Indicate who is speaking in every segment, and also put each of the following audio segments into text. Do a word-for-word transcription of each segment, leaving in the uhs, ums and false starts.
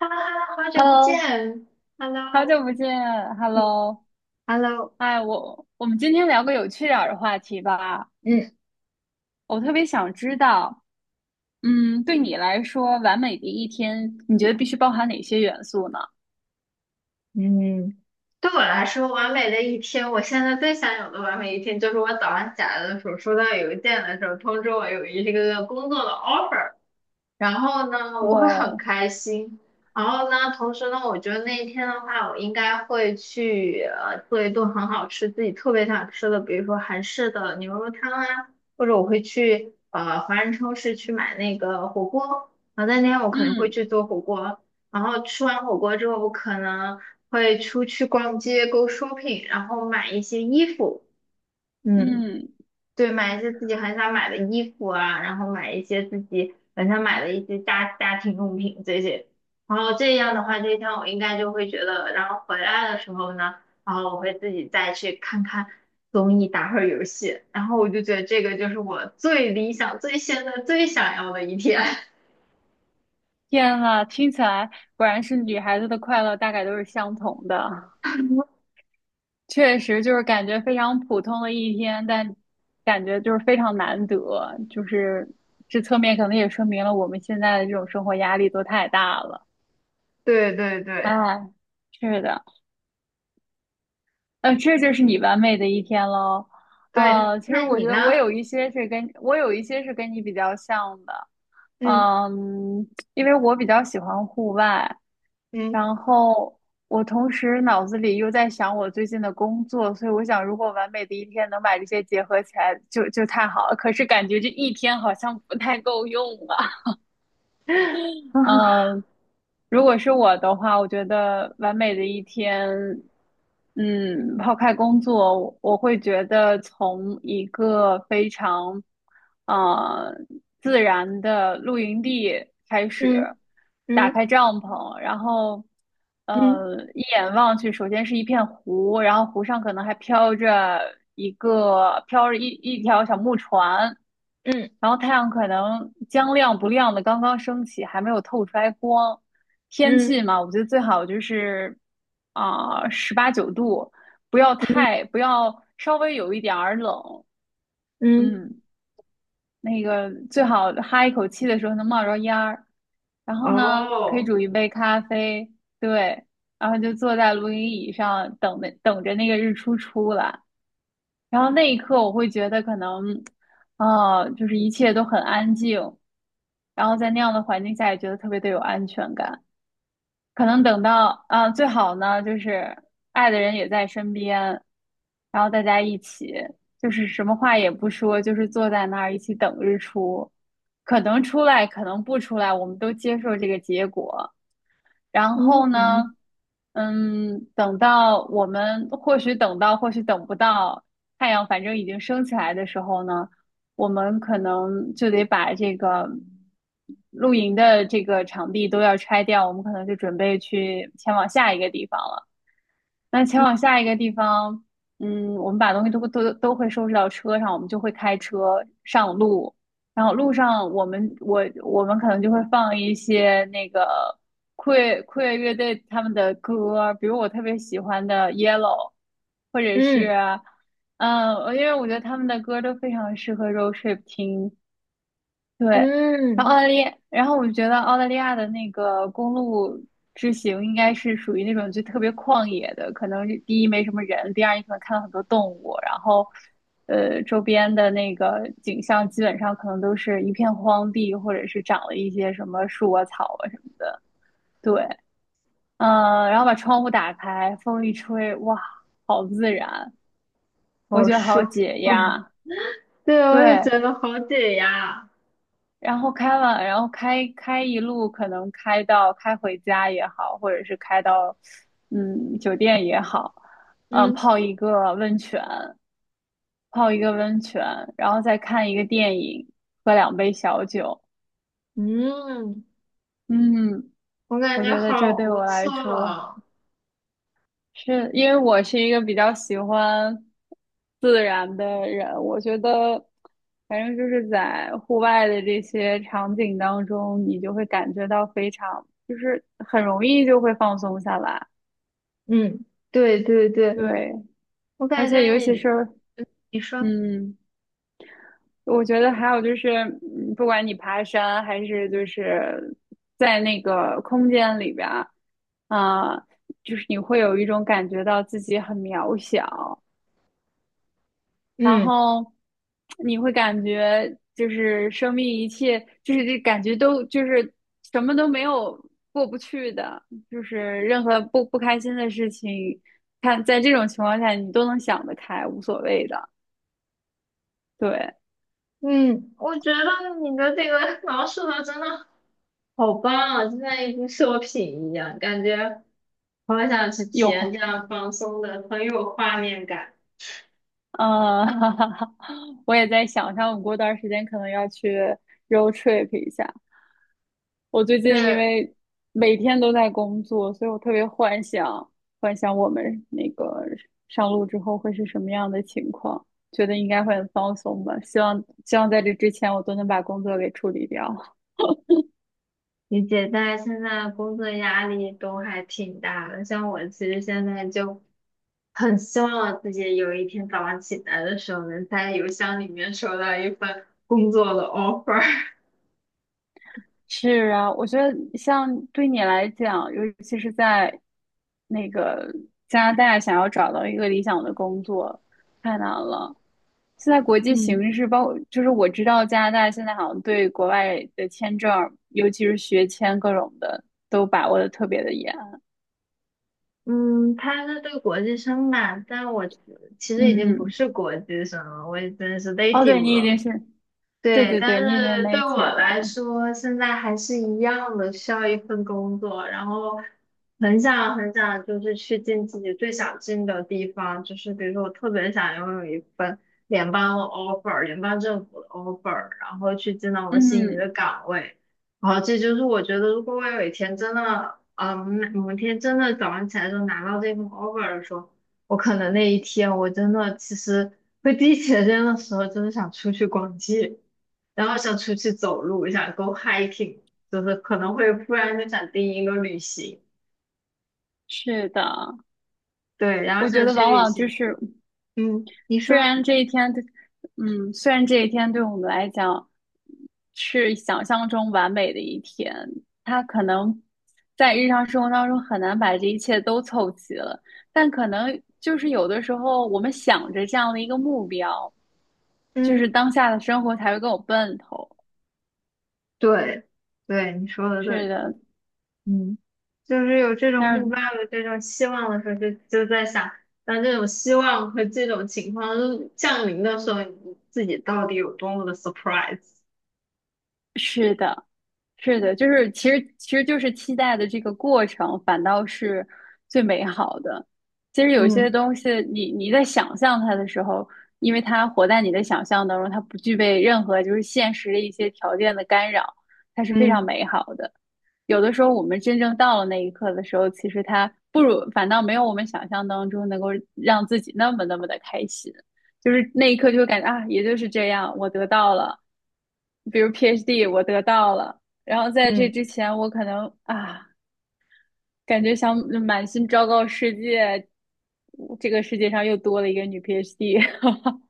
Speaker 1: Hello,Hello,好久不
Speaker 2: Hello，
Speaker 1: 见。
Speaker 2: 好
Speaker 1: Hello,
Speaker 2: 久不见
Speaker 1: 嗯
Speaker 2: ，Hello，
Speaker 1: ，Hello。
Speaker 2: 哎，我我们今天聊个有趣点儿的话题吧。
Speaker 1: 嗯
Speaker 2: 我特别想知道，嗯，对你来说，完美的一天，你觉得必须包含哪些元素呢？
Speaker 1: 嗯，对我来说，完美的一天，我现在最想有的完美一天，就是我早上起来的时候，收到邮件的时候，通知我有一个工作的 offer。然后呢，我
Speaker 2: 哇
Speaker 1: 会很
Speaker 2: 哦，
Speaker 1: 开心。然后呢，同时呢，我觉得那一天的话，我应该会去呃做一顿很好吃、自己特别想吃的，比如说韩式的牛肉汤啊，或者我会去呃华人超市去买那个火锅。然后那天我可能会
Speaker 2: 嗯
Speaker 1: 去做火锅，然后吃完火锅之后，我可能会出去逛街、go shopping,然后买一些衣服。嗯。
Speaker 2: 嗯，
Speaker 1: 对，买一些自己很想买的衣服啊，然后买一些自己很想买的一些家家庭用品这些，然后这样的话，这一天我应该就会觉得，然后回来的时候呢，然后我会自己再去看看综艺，打会儿游戏，然后我就觉得这个就是我最理想、最现在最想要的一天。
Speaker 2: 天呐，听起来果然是女孩子的快乐大概都是相同的，确实就是感觉非常普通的一天，但感觉就是非常难得，就是这侧面可能也说明了我们现在的这种生活压力都太大了。
Speaker 1: 对对对
Speaker 2: 哎，是的，呃，这就是你完美的一天喽。
Speaker 1: 对，
Speaker 2: 呃，其实
Speaker 1: 那
Speaker 2: 我
Speaker 1: 你
Speaker 2: 觉
Speaker 1: 呢？
Speaker 2: 得我有一些是跟我有一些是跟你比较像的，
Speaker 1: 嗯
Speaker 2: 嗯，因为我比较喜欢户外，
Speaker 1: 嗯
Speaker 2: 然后我同时脑子里又在想我最近的工作，所以我想如果完美的一天能把这些结合起来就，就太好了。可是感觉这一天好像不太够用啊。
Speaker 1: 啊
Speaker 2: 嗯，如果是我的话，我觉得完美的一天，嗯，抛开工作，我我会觉得从一个非常，呃，自然的露营地开始，
Speaker 1: 嗯
Speaker 2: 打
Speaker 1: 嗯
Speaker 2: 开帐篷，然后，
Speaker 1: 嗯
Speaker 2: 呃，一眼望去，首先是一片湖，然后湖上可能还飘着一个飘着一一条小木船，
Speaker 1: 嗯
Speaker 2: 然后太阳可能将亮不亮的刚刚升起，还没有透出来光。天气
Speaker 1: 嗯
Speaker 2: 嘛，我觉得最好就是啊十八九度，不要
Speaker 1: 嗯
Speaker 2: 太不要稍微有一点儿冷，
Speaker 1: 嗯，
Speaker 2: 嗯，那个最好哈一口气的时候能冒着烟儿。然后呢，可以
Speaker 1: 哦。
Speaker 2: 煮一杯咖啡，对，然后就坐在露营椅上等那等着那个日出出来。然后那一刻我会觉得可能，呃，就是一切都很安静，然后在那样的环境下也觉得特别的有安全感。可能等到啊，最好呢就是爱的人也在身边，然后大家一起就是什么话也不说，就是坐在那儿一起等日出。可能出来，可能不出来，我们都接受这个结果。然后呢，
Speaker 1: 嗯
Speaker 2: 嗯，等到我们或许等到，或许等不到，太阳反正已经升起来的时候呢，我们可能就得把这个露营的这个场地都要拆掉，我们可能就准备去前往下一个地方了。那前往下一个地方，嗯，我们把东西都都都会收拾到车上，我们就会开车上路。然后路上，我们我我们可能就会放一些那个酷乐酷乐乐队他们的歌，比如我特别喜欢的《Yellow》，或者是，
Speaker 1: 嗯
Speaker 2: 嗯，呃因为我觉得他们的歌都非常适合 road trip 听。对，然后澳
Speaker 1: 嗯，
Speaker 2: 大利亚，然后我觉得澳大利亚的那个公路之行应该是属于那种就特别旷野的，可能是第一没什么人，第二你可能看到很多动物，然后呃周边的那个景象基本上可能都是一片荒地，或者是长了一些什么树啊草啊什么的。对，嗯、然后把窗户打开，风一吹，哇，好自然，我
Speaker 1: 好
Speaker 2: 觉得
Speaker 1: 舒
Speaker 2: 好解
Speaker 1: 服。
Speaker 2: 压。
Speaker 1: 对，我
Speaker 2: 对，
Speaker 1: 也觉得好解压。
Speaker 2: 然后开完，然后开开一路，可能开到开回家也好，或者是开到嗯酒店也好，嗯
Speaker 1: 嗯
Speaker 2: 泡一个温泉，泡一个温泉，然后再看一个电影，喝两杯小酒，
Speaker 1: 嗯，
Speaker 2: 嗯，
Speaker 1: 我感
Speaker 2: 我
Speaker 1: 觉
Speaker 2: 觉得
Speaker 1: 好
Speaker 2: 这对
Speaker 1: 不
Speaker 2: 我来说。
Speaker 1: 错。
Speaker 2: 是因为我是一个比较喜欢自然的人，我觉得反正就是在户外的这些场景当中，你就会感觉到非常，就是很容易就会放松下来。
Speaker 1: 嗯，对对对，
Speaker 2: 对，
Speaker 1: 我
Speaker 2: 而
Speaker 1: 感觉
Speaker 2: 且尤其
Speaker 1: 你
Speaker 2: 是
Speaker 1: 你说。
Speaker 2: 嗯，我觉得还有就是，嗯不管你爬山还是就是在那个空间里边儿，啊、就是你会有一种感觉到自己很渺小。然
Speaker 1: 嗯
Speaker 2: 后你会感觉就是生命一切就是这感觉都就是什么都没有过不去的，就是任何不不开心的事情，看在这种情况下你都能想得开，无所谓的。对，
Speaker 1: 嗯，我觉得你的这个 描述的真的好棒啊，就像一部作品一样，感觉好想去体验
Speaker 2: 有。
Speaker 1: 这样放松的，很有画面感。
Speaker 2: 嗯，我也在想，像我过段儿时间可能要去 road trip 一下。我最近因
Speaker 1: 对，
Speaker 2: 为每天都在工作，所以我特别幻想，幻想我们那个上路之后会是什么样的情况，觉得应该会很放松吧。希望希望在这之前我都能把工作给处理掉。
Speaker 1: 理解，但是现在工作压力都还挺大的。像我其实现在就很希望自己有一天早上起来的时候，能在邮箱里面收到一份工作的 offer。
Speaker 2: 是啊，我觉得像对你来讲，尤其是在那个加拿大，想要找到一个理想的工作太难了。现在国际
Speaker 1: 嗯
Speaker 2: 形势，包括就是我知道加拿大现在好像对国外的签证，尤其是学签各种的，都把握的特别的严。
Speaker 1: 嗯，他是对国际生吧，但我其实已经不
Speaker 2: 嗯，
Speaker 1: 是国际生了，我已经是
Speaker 2: 哦，对，
Speaker 1: native
Speaker 2: 你已
Speaker 1: 了。
Speaker 2: 经是，对
Speaker 1: 对，
Speaker 2: 对
Speaker 1: 但
Speaker 2: 对，你已经是
Speaker 1: 是对我
Speaker 2: native
Speaker 1: 来
Speaker 2: 了。
Speaker 1: 说，现在还是一样的，需要一份工作，然后很想很想，就是去进自己最想进的地方，就是比如说，我特别想拥有一份联邦的 offer,联邦政府的 offer,然后去进到我心仪
Speaker 2: 嗯，
Speaker 1: 的岗位，然后这就是我觉得，如果我有一天真的，嗯，某一天真的早上起来就拿到这份 offer 的时候，我可能那一天我真的其实会第一时间的时候，真的想出去逛街。然后想出去走路，想 go hiking,就是可能会突然就想定一个旅行，
Speaker 2: 是的，
Speaker 1: 对，然后
Speaker 2: 我觉
Speaker 1: 想
Speaker 2: 得
Speaker 1: 去
Speaker 2: 往
Speaker 1: 旅
Speaker 2: 往就
Speaker 1: 行。
Speaker 2: 是
Speaker 1: 嗯，你
Speaker 2: 虽
Speaker 1: 说。
Speaker 2: 然这一天对，嗯，虽然这一天对我们来讲是想象中完美的一天，它可能在日常生活当中很难把这一切都凑齐了，但可能就是有的时候我们想着这样的一个目标，就
Speaker 1: 嗯，
Speaker 2: 是当下的生活才会更有奔头。
Speaker 1: 对，对，你说的
Speaker 2: 是
Speaker 1: 对。
Speaker 2: 的，
Speaker 1: 嗯，就是有这种
Speaker 2: 但
Speaker 1: 目
Speaker 2: 是
Speaker 1: 标，有这种希望的时候就，就在想，当这种希望和这种情况降临的时候，你自己到底有多么的 surprise。
Speaker 2: 是的。是的，就是其实其实就是期待的这个过程，反倒是最美好的。其实有些
Speaker 1: 嗯。
Speaker 2: 东西你，你在想象它的时候，因为它活在你的想象当中，它不具备任何就是现实的一些条件的干扰，它是非常
Speaker 1: 嗯
Speaker 2: 美好的。有的时候我们真正到了那一刻的时候，其实它不如反倒没有我们想象当中能够让自己那么那么的开心。就是那一刻就会感觉啊，也就是这样，我得到了。比如 PhD 我得到了，然后在这
Speaker 1: 嗯，
Speaker 2: 之前我可能啊，感觉想满心昭告世界，这个世界上又多了一个女 PhD。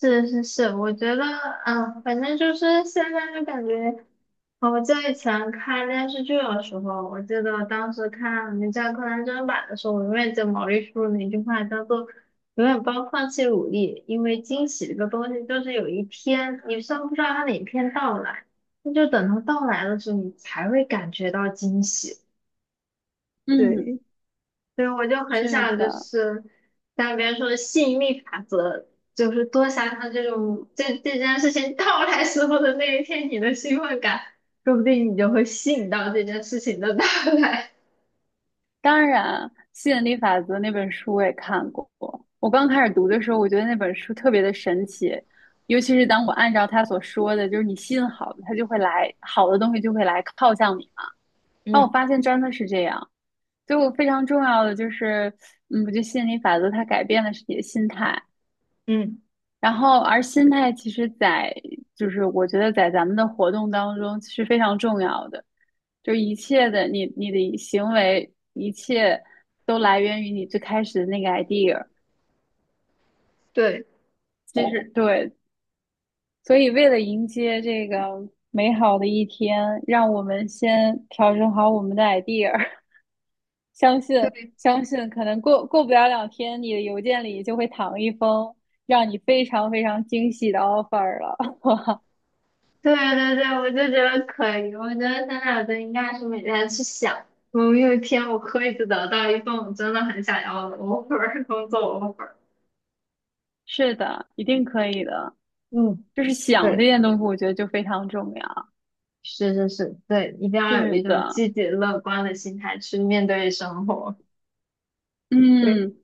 Speaker 1: 是是是，我觉得，嗯，反正就是现在就感觉。哦我在以前看电视剧的时候，我记得当时看《名侦探柯南》真人版的时候，我永远记得毛利叔那句话叫做“永远不要放弃努力”，因为惊喜这个东西就是有一天你虽然不知道它哪一天到来，那就等它到来的时候，你才会感觉到惊喜。
Speaker 2: 嗯，
Speaker 1: 对，对，我就很
Speaker 2: 是
Speaker 1: 想就
Speaker 2: 的，
Speaker 1: 是像别人说的吸引力法则，就是多想想这种这这件事情到来时候的那一天你的兴奋感，说不定你就会吸引到这件事情的到来。
Speaker 2: 当然，吸引力法则那本书我也看过。我刚开始读的时候，我觉得那本书特别的神奇，尤其是当我按照他所说的，就是你吸引好的，他就会来，好的东西就会来靠向你嘛。然后我
Speaker 1: 嗯
Speaker 2: 发现真的是这样，就非常重要的就是，嗯，我觉得吸引力法则它改变的是你的心态，
Speaker 1: 嗯，
Speaker 2: 然后而心态其实在，就是我觉得在咱们的活动当中是非常重要的，就是一切的你你的行为，一切都来源于你最开始的那个 idea，
Speaker 1: 对，
Speaker 2: 其实对，所以为了迎接这个美好的一天，让我们先调整好我们的 idea，相信相信，可能过过不了两天，你的邮件里就会躺一封让你非常非常惊喜的 offer 了。
Speaker 1: 对对对，我就觉得可以，我觉得现在我就应该是每天去想，们有一天我可以得到一份我真的很想要的 offer 工作 offer。
Speaker 2: 是的，一定可以的。
Speaker 1: 嗯，
Speaker 2: 就是想
Speaker 1: 对。
Speaker 2: 这件东西，我觉得就非常重要。
Speaker 1: 是是是，对，一定要有
Speaker 2: 是
Speaker 1: 一种
Speaker 2: 的，
Speaker 1: 积极乐观的心态去面对生活。对，
Speaker 2: 嗯，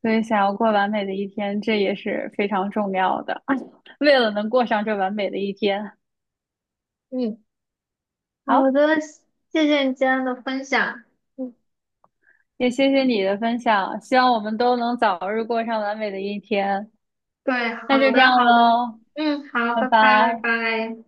Speaker 2: 所以想要过完美的一天，这也是非常重要的。为了能过上这完美的一天，
Speaker 1: 嗯，
Speaker 2: 好，
Speaker 1: 好的，谢谢你今天的分享。嗯，
Speaker 2: 也谢谢你的分享，希望我们都能早日过上完美的一天。
Speaker 1: 对，
Speaker 2: 那
Speaker 1: 好
Speaker 2: 就这
Speaker 1: 的
Speaker 2: 样
Speaker 1: 好的，
Speaker 2: 喽，
Speaker 1: 嗯，好，
Speaker 2: 拜
Speaker 1: 拜拜拜
Speaker 2: 拜。
Speaker 1: 拜。